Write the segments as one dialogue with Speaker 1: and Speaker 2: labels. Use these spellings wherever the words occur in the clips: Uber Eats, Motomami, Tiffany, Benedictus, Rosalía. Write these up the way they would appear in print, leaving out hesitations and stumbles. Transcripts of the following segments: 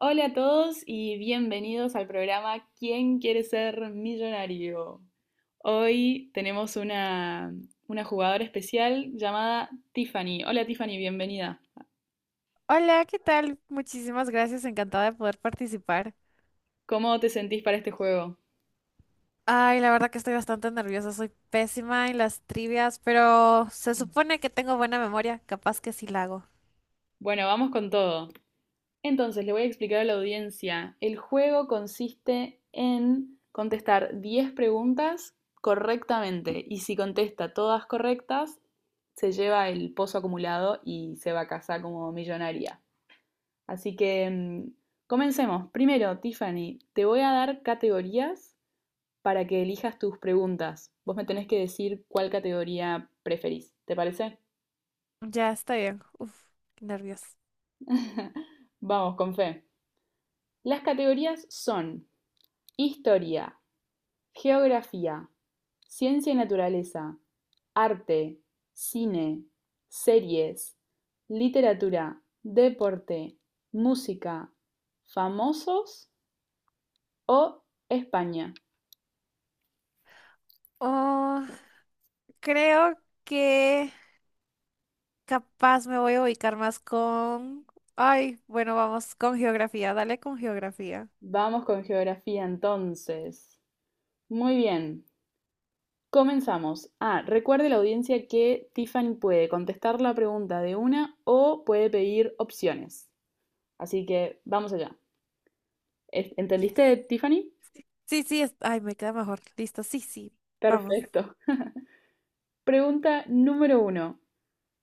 Speaker 1: Hola a todos y bienvenidos al programa ¿Quién quiere ser millonario? Hoy tenemos una jugadora especial llamada Tiffany. Hola Tiffany, bienvenida.
Speaker 2: Hola, ¿qué tal? Muchísimas gracias, encantada de poder participar.
Speaker 1: ¿Cómo te sentís para este juego?
Speaker 2: Ay, la verdad que estoy bastante nerviosa, soy pésima en las trivias, pero se supone que tengo buena memoria, capaz que sí la hago.
Speaker 1: Bueno, vamos con todo. Entonces, le voy a explicar a la audiencia. El juego consiste en contestar 10 preguntas correctamente y si contesta todas correctas, se lleva el pozo acumulado y se va a casa como millonaria. Así que comencemos. Primero, Tiffany, te voy a dar categorías para que elijas tus preguntas. Vos me tenés que decir cuál categoría preferís. ¿Te parece?
Speaker 2: Ya está bien, qué nervios.
Speaker 1: Vamos, con fe. Las categorías son historia, geografía, ciencia y naturaleza, arte, cine, series, literatura, deporte, música, famosos o España.
Speaker 2: Oh, creo que capaz me voy a ubicar más con... Ay, bueno, vamos con geografía, dale con geografía.
Speaker 1: Vamos con geografía entonces. Muy bien, comenzamos. Ah, recuerde la audiencia que Tiffany puede contestar la pregunta de una o puede pedir opciones. Así que vamos allá.
Speaker 2: Yes.
Speaker 1: ¿Entendiste, Tiffany?
Speaker 2: Sí, sí, ay, me queda mejor. Listo, sí, sí, vamos.
Speaker 1: Perfecto. Pregunta número uno.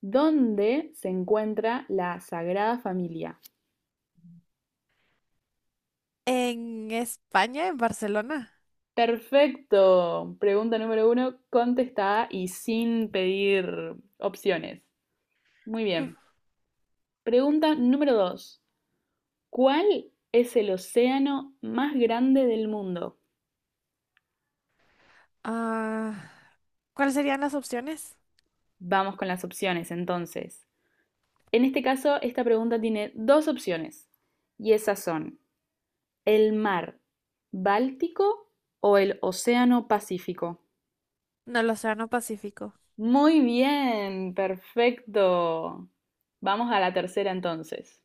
Speaker 1: ¿Dónde se encuentra la Sagrada Familia?
Speaker 2: En España, en Barcelona.
Speaker 1: Perfecto. Pregunta número uno, contestada y sin pedir opciones. Muy bien. Pregunta número dos. ¿Cuál es el océano más grande del mundo?
Speaker 2: Ah. ¿Cuáles serían las opciones?
Speaker 1: Vamos con las opciones entonces. En este caso, esta pregunta tiene dos opciones y esas son el mar Báltico o el océano Pacífico.
Speaker 2: No, el Océano Pacífico.
Speaker 1: Muy bien, perfecto. Vamos a la tercera entonces.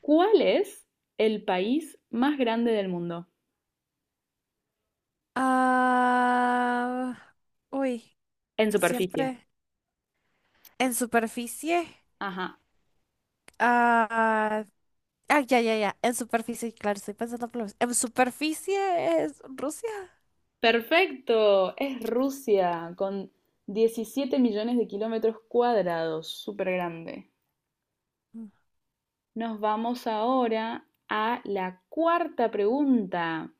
Speaker 1: ¿Cuál es el país más grande del mundo?
Speaker 2: Ah, uy,
Speaker 1: En superficie.
Speaker 2: siempre en superficie.
Speaker 1: Ajá.
Speaker 2: Ah, ah, ya, ya, ya. En superficie, claro, estoy pensando por en superficie es Rusia.
Speaker 1: Perfecto, es Rusia con 17 millones de kilómetros cuadrados, súper grande.
Speaker 2: Mm.
Speaker 1: Nos vamos ahora a la cuarta pregunta.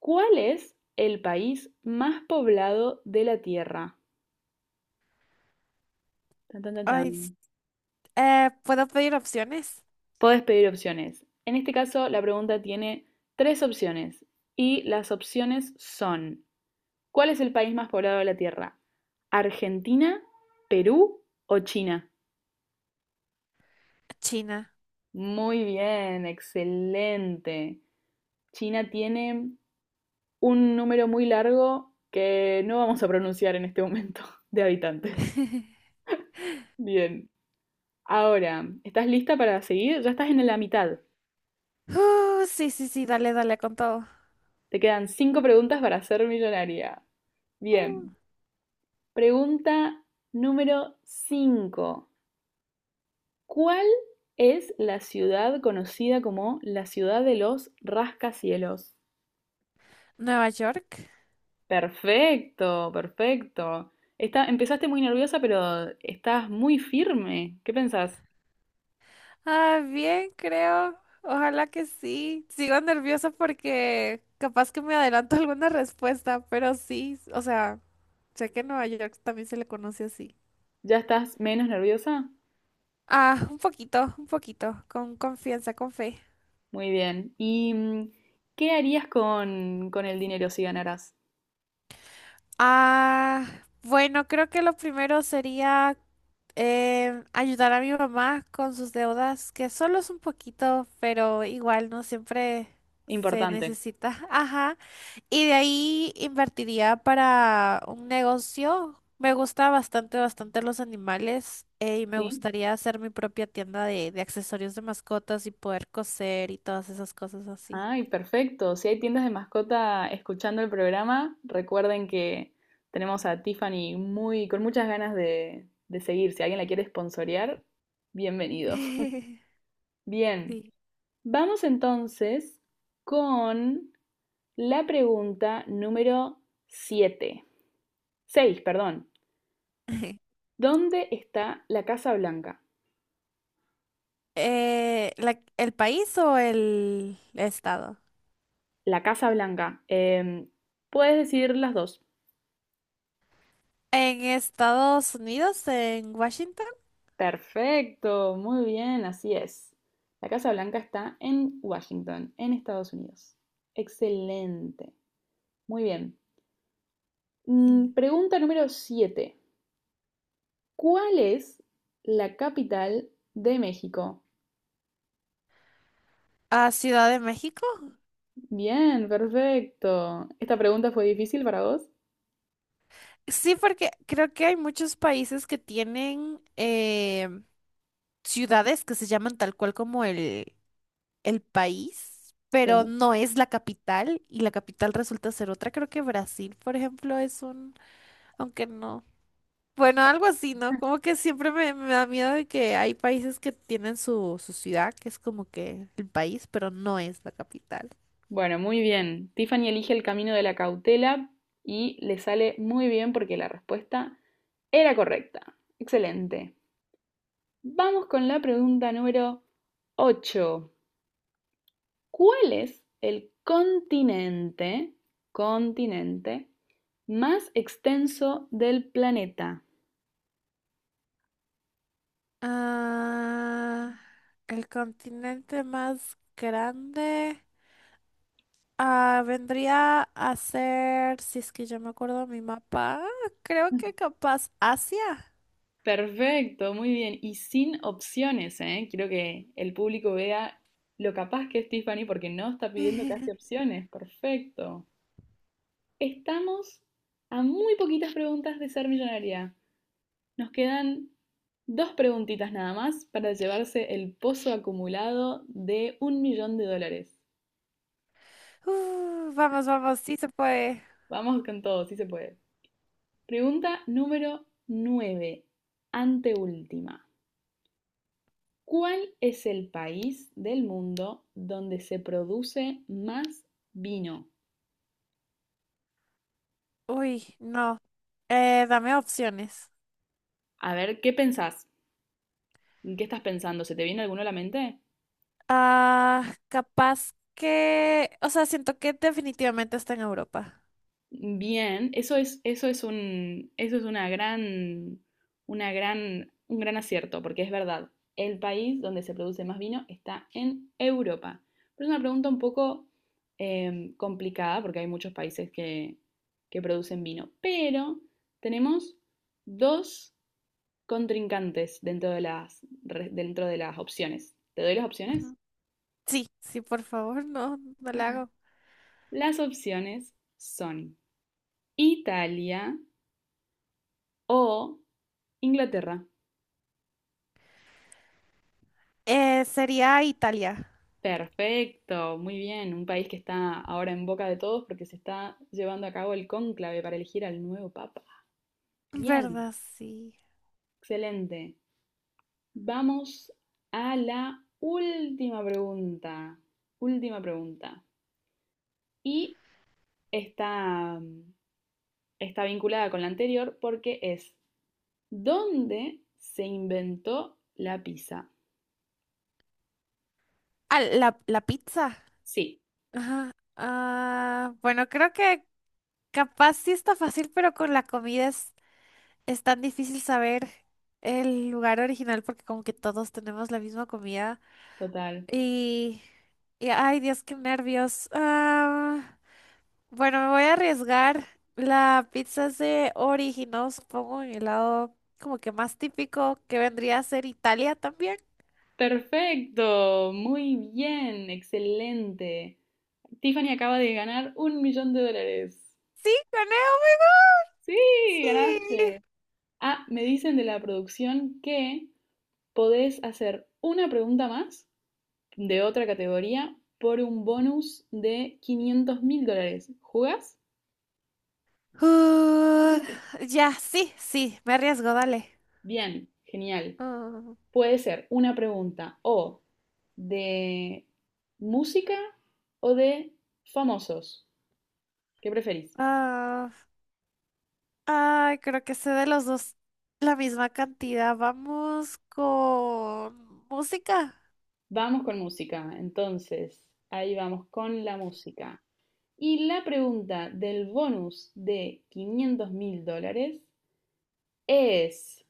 Speaker 1: ¿Cuál es el país más poblado de la Tierra? Tan, tan, tan, tan.
Speaker 2: Ay, s- ¿Puedo pedir opciones?
Speaker 1: Podés pedir opciones. En este caso, la pregunta tiene tres opciones y las opciones son, ¿cuál es el país más poblado de la Tierra? ¿Argentina, Perú o China?
Speaker 2: China.
Speaker 1: Muy bien, excelente. China tiene un número muy largo que no vamos a pronunciar en este momento de habitantes. Bien. Ahora, ¿estás lista para seguir? Ya estás en la mitad.
Speaker 2: Sí, sí, sí, dale, dale con todo.
Speaker 1: Te quedan cinco preguntas para ser millonaria.
Speaker 2: Mm.
Speaker 1: Bien. Pregunta número 5. ¿Cuál es la ciudad conocida como la ciudad de los rascacielos?
Speaker 2: Nueva York.
Speaker 1: Perfecto, perfecto. Está, empezaste muy nerviosa, pero estás muy firme. ¿Qué pensás?
Speaker 2: Ah, bien, creo. Ojalá que sí. Sigo nerviosa porque capaz que me adelanto alguna respuesta, pero sí, o sea, sé que en Nueva York también se le conoce así.
Speaker 1: ¿Ya estás menos nerviosa?
Speaker 2: Ah, un poquito, con confianza, con fe.
Speaker 1: Muy bien. ¿Y qué harías con el dinero si ganaras?
Speaker 2: Ah, bueno, creo que lo primero sería ayudar a mi mamá con sus deudas, que solo es un poquito, pero igual no siempre se
Speaker 1: Importante.
Speaker 2: necesita. Ajá. Y de ahí invertiría para un negocio. Me gusta bastante, bastante los animales y me
Speaker 1: ¿Sí?
Speaker 2: gustaría hacer mi propia tienda de accesorios de mascotas y poder coser y todas esas cosas así.
Speaker 1: Ay, perfecto. Si hay tiendas de mascota escuchando el programa, recuerden que tenemos a Tiffany muy, con muchas ganas de seguir. Si alguien la quiere sponsorear, bienvenido. Bien,
Speaker 2: Sí.
Speaker 1: vamos entonces con la pregunta número 7, 6, perdón. ¿Dónde está la Casa Blanca?
Speaker 2: El país o el estado?
Speaker 1: La Casa Blanca. Puedes decir las dos.
Speaker 2: En Estados Unidos, en Washington,
Speaker 1: Perfecto, muy bien, así es. La Casa Blanca está en Washington, en Estados Unidos. Excelente, muy bien.
Speaker 2: y-
Speaker 1: Pregunta número 7. ¿Cuál es la capital de México?
Speaker 2: a Ciudad de México.
Speaker 1: Bien, perfecto. ¿Esta pregunta fue difícil para vos?
Speaker 2: Sí, porque creo que hay muchos países que tienen ciudades que se llaman tal cual como el país, pero
Speaker 1: Sí.
Speaker 2: no es la capital y la capital resulta ser otra. Creo que Brasil, por ejemplo, es un, aunque no. Bueno, algo así, ¿no? Como que siempre me da miedo de que hay países que tienen su ciudad, que es como que el país, pero no es la capital.
Speaker 1: Bueno, muy bien. Tiffany elige el camino de la cautela y le sale muy bien porque la respuesta era correcta. Excelente. Vamos con la pregunta número 8. ¿Cuál es el continente más extenso del planeta?
Speaker 2: Ah, el continente más grande vendría a ser, si es que yo me acuerdo mi mapa, creo que capaz Asia.
Speaker 1: Perfecto, muy bien. Y sin opciones, ¿eh? Quiero que el público vea lo capaz que es Tiffany porque no está pidiendo casi opciones. Perfecto. Estamos a muy poquitas preguntas de ser millonaria. Nos quedan dos preguntitas nada más para llevarse el pozo acumulado de un millón de dólares.
Speaker 2: Vamos, vamos, sí se puede.
Speaker 1: Vamos con todo, sí se puede. Pregunta número 9, anteúltima. ¿Cuál es el país del mundo donde se produce más vino?
Speaker 2: Uy, no. Dame opciones.
Speaker 1: A ver, ¿qué pensás? ¿En qué estás pensando? ¿Se te viene alguno a la mente?
Speaker 2: Ah, capaz que, o sea, siento que definitivamente está en Europa.
Speaker 1: Bien, eso es, eso es una gran, una gran, un gran acierto, porque es verdad, el país donde se produce más vino está en Europa. Pero es una pregunta un poco complicada, porque hay muchos países que producen vino. Pero tenemos dos contrincantes dentro de las opciones. ¿Te doy las opciones?
Speaker 2: Ujú. Sí, sí, por favor, no, no la hago.
Speaker 1: Las opciones son Italia o Inglaterra.
Speaker 2: Sería Italia.
Speaker 1: Perfecto, muy bien. Un país que está ahora en boca de todos porque se está llevando a cabo el cónclave para elegir al nuevo papa. Bien,
Speaker 2: ¿Verdad? Sí.
Speaker 1: excelente. Vamos a la última pregunta. Última pregunta. Y está, está vinculada con la anterior porque es, ¿dónde se inventó la pizza?
Speaker 2: La pizza.
Speaker 1: Sí,
Speaker 2: Ajá. Bueno, creo que capaz sí está fácil, pero con la comida es tan difícil saber el lugar original porque como que todos tenemos la misma comida.
Speaker 1: total.
Speaker 2: Y, ay, Dios, qué nervios. Bueno, me voy a arriesgar. La pizza se originó, supongo, en el lado como que más típico que vendría a ser Italia también.
Speaker 1: Perfecto, muy bien, excelente. Tiffany acaba de ganar un millón de dólares.
Speaker 2: Sí, gané, oh my
Speaker 1: Sí,
Speaker 2: God, sí.
Speaker 1: ganaste. Ah, me dicen de la producción que podés hacer una pregunta más de otra categoría por un bonus de 500.000 dólares. ¿Jugás?
Speaker 2: Uh, ya, sí, sí, me arriesgo, dale.
Speaker 1: Bien, genial.
Speaker 2: Ah,
Speaker 1: Puede ser una pregunta o de música o de famosos. ¿Qué preferís?
Speaker 2: Ah, ay, creo que sé de los dos la misma cantidad. Vamos con música.
Speaker 1: Vamos con música. Entonces, ahí vamos con la música. Y la pregunta del bonus de 500 mil dólares es,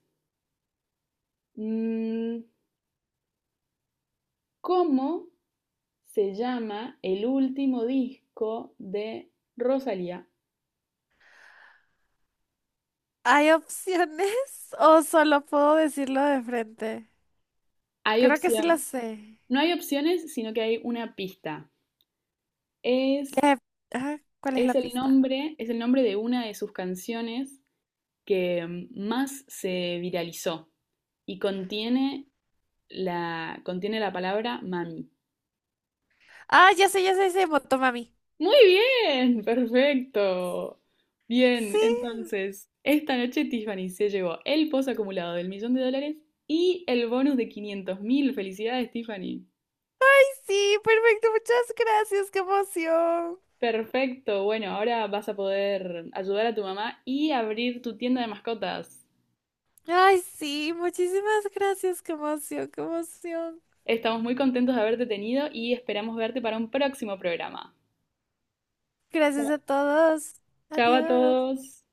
Speaker 1: mm, ¿cómo se llama el último disco de Rosalía?
Speaker 2: ¿Hay opciones o solo puedo decirlo de frente?
Speaker 1: Hay
Speaker 2: Creo que sí lo
Speaker 1: opción,
Speaker 2: sé.
Speaker 1: no hay opciones, sino que hay una pista. Es,
Speaker 2: Eh, ¿Cuál es
Speaker 1: es
Speaker 2: la
Speaker 1: el
Speaker 2: pista?
Speaker 1: nombre, es el nombre de una de sus canciones que más se viralizó y contiene la palabra mami.
Speaker 2: Ah, ya sé, ya sé, ya sé, Motomami.
Speaker 1: Muy bien, perfecto. Bien,
Speaker 2: Sí,
Speaker 1: entonces, esta noche Tiffany se llevó el pozo acumulado del millón de dólares y el bonus de 500.000. Felicidades, Tiffany.
Speaker 2: sí, perfecto, muchas gracias, qué emoción.
Speaker 1: Perfecto, bueno, ahora vas a poder ayudar a tu mamá y abrir tu tienda de mascotas.
Speaker 2: Ay, sí, muchísimas gracias, qué emoción, qué emoción.
Speaker 1: Estamos muy contentos de haberte tenido y esperamos verte para un próximo programa.
Speaker 2: Gracias a todos.
Speaker 1: Chao a
Speaker 2: Adiós.
Speaker 1: todos.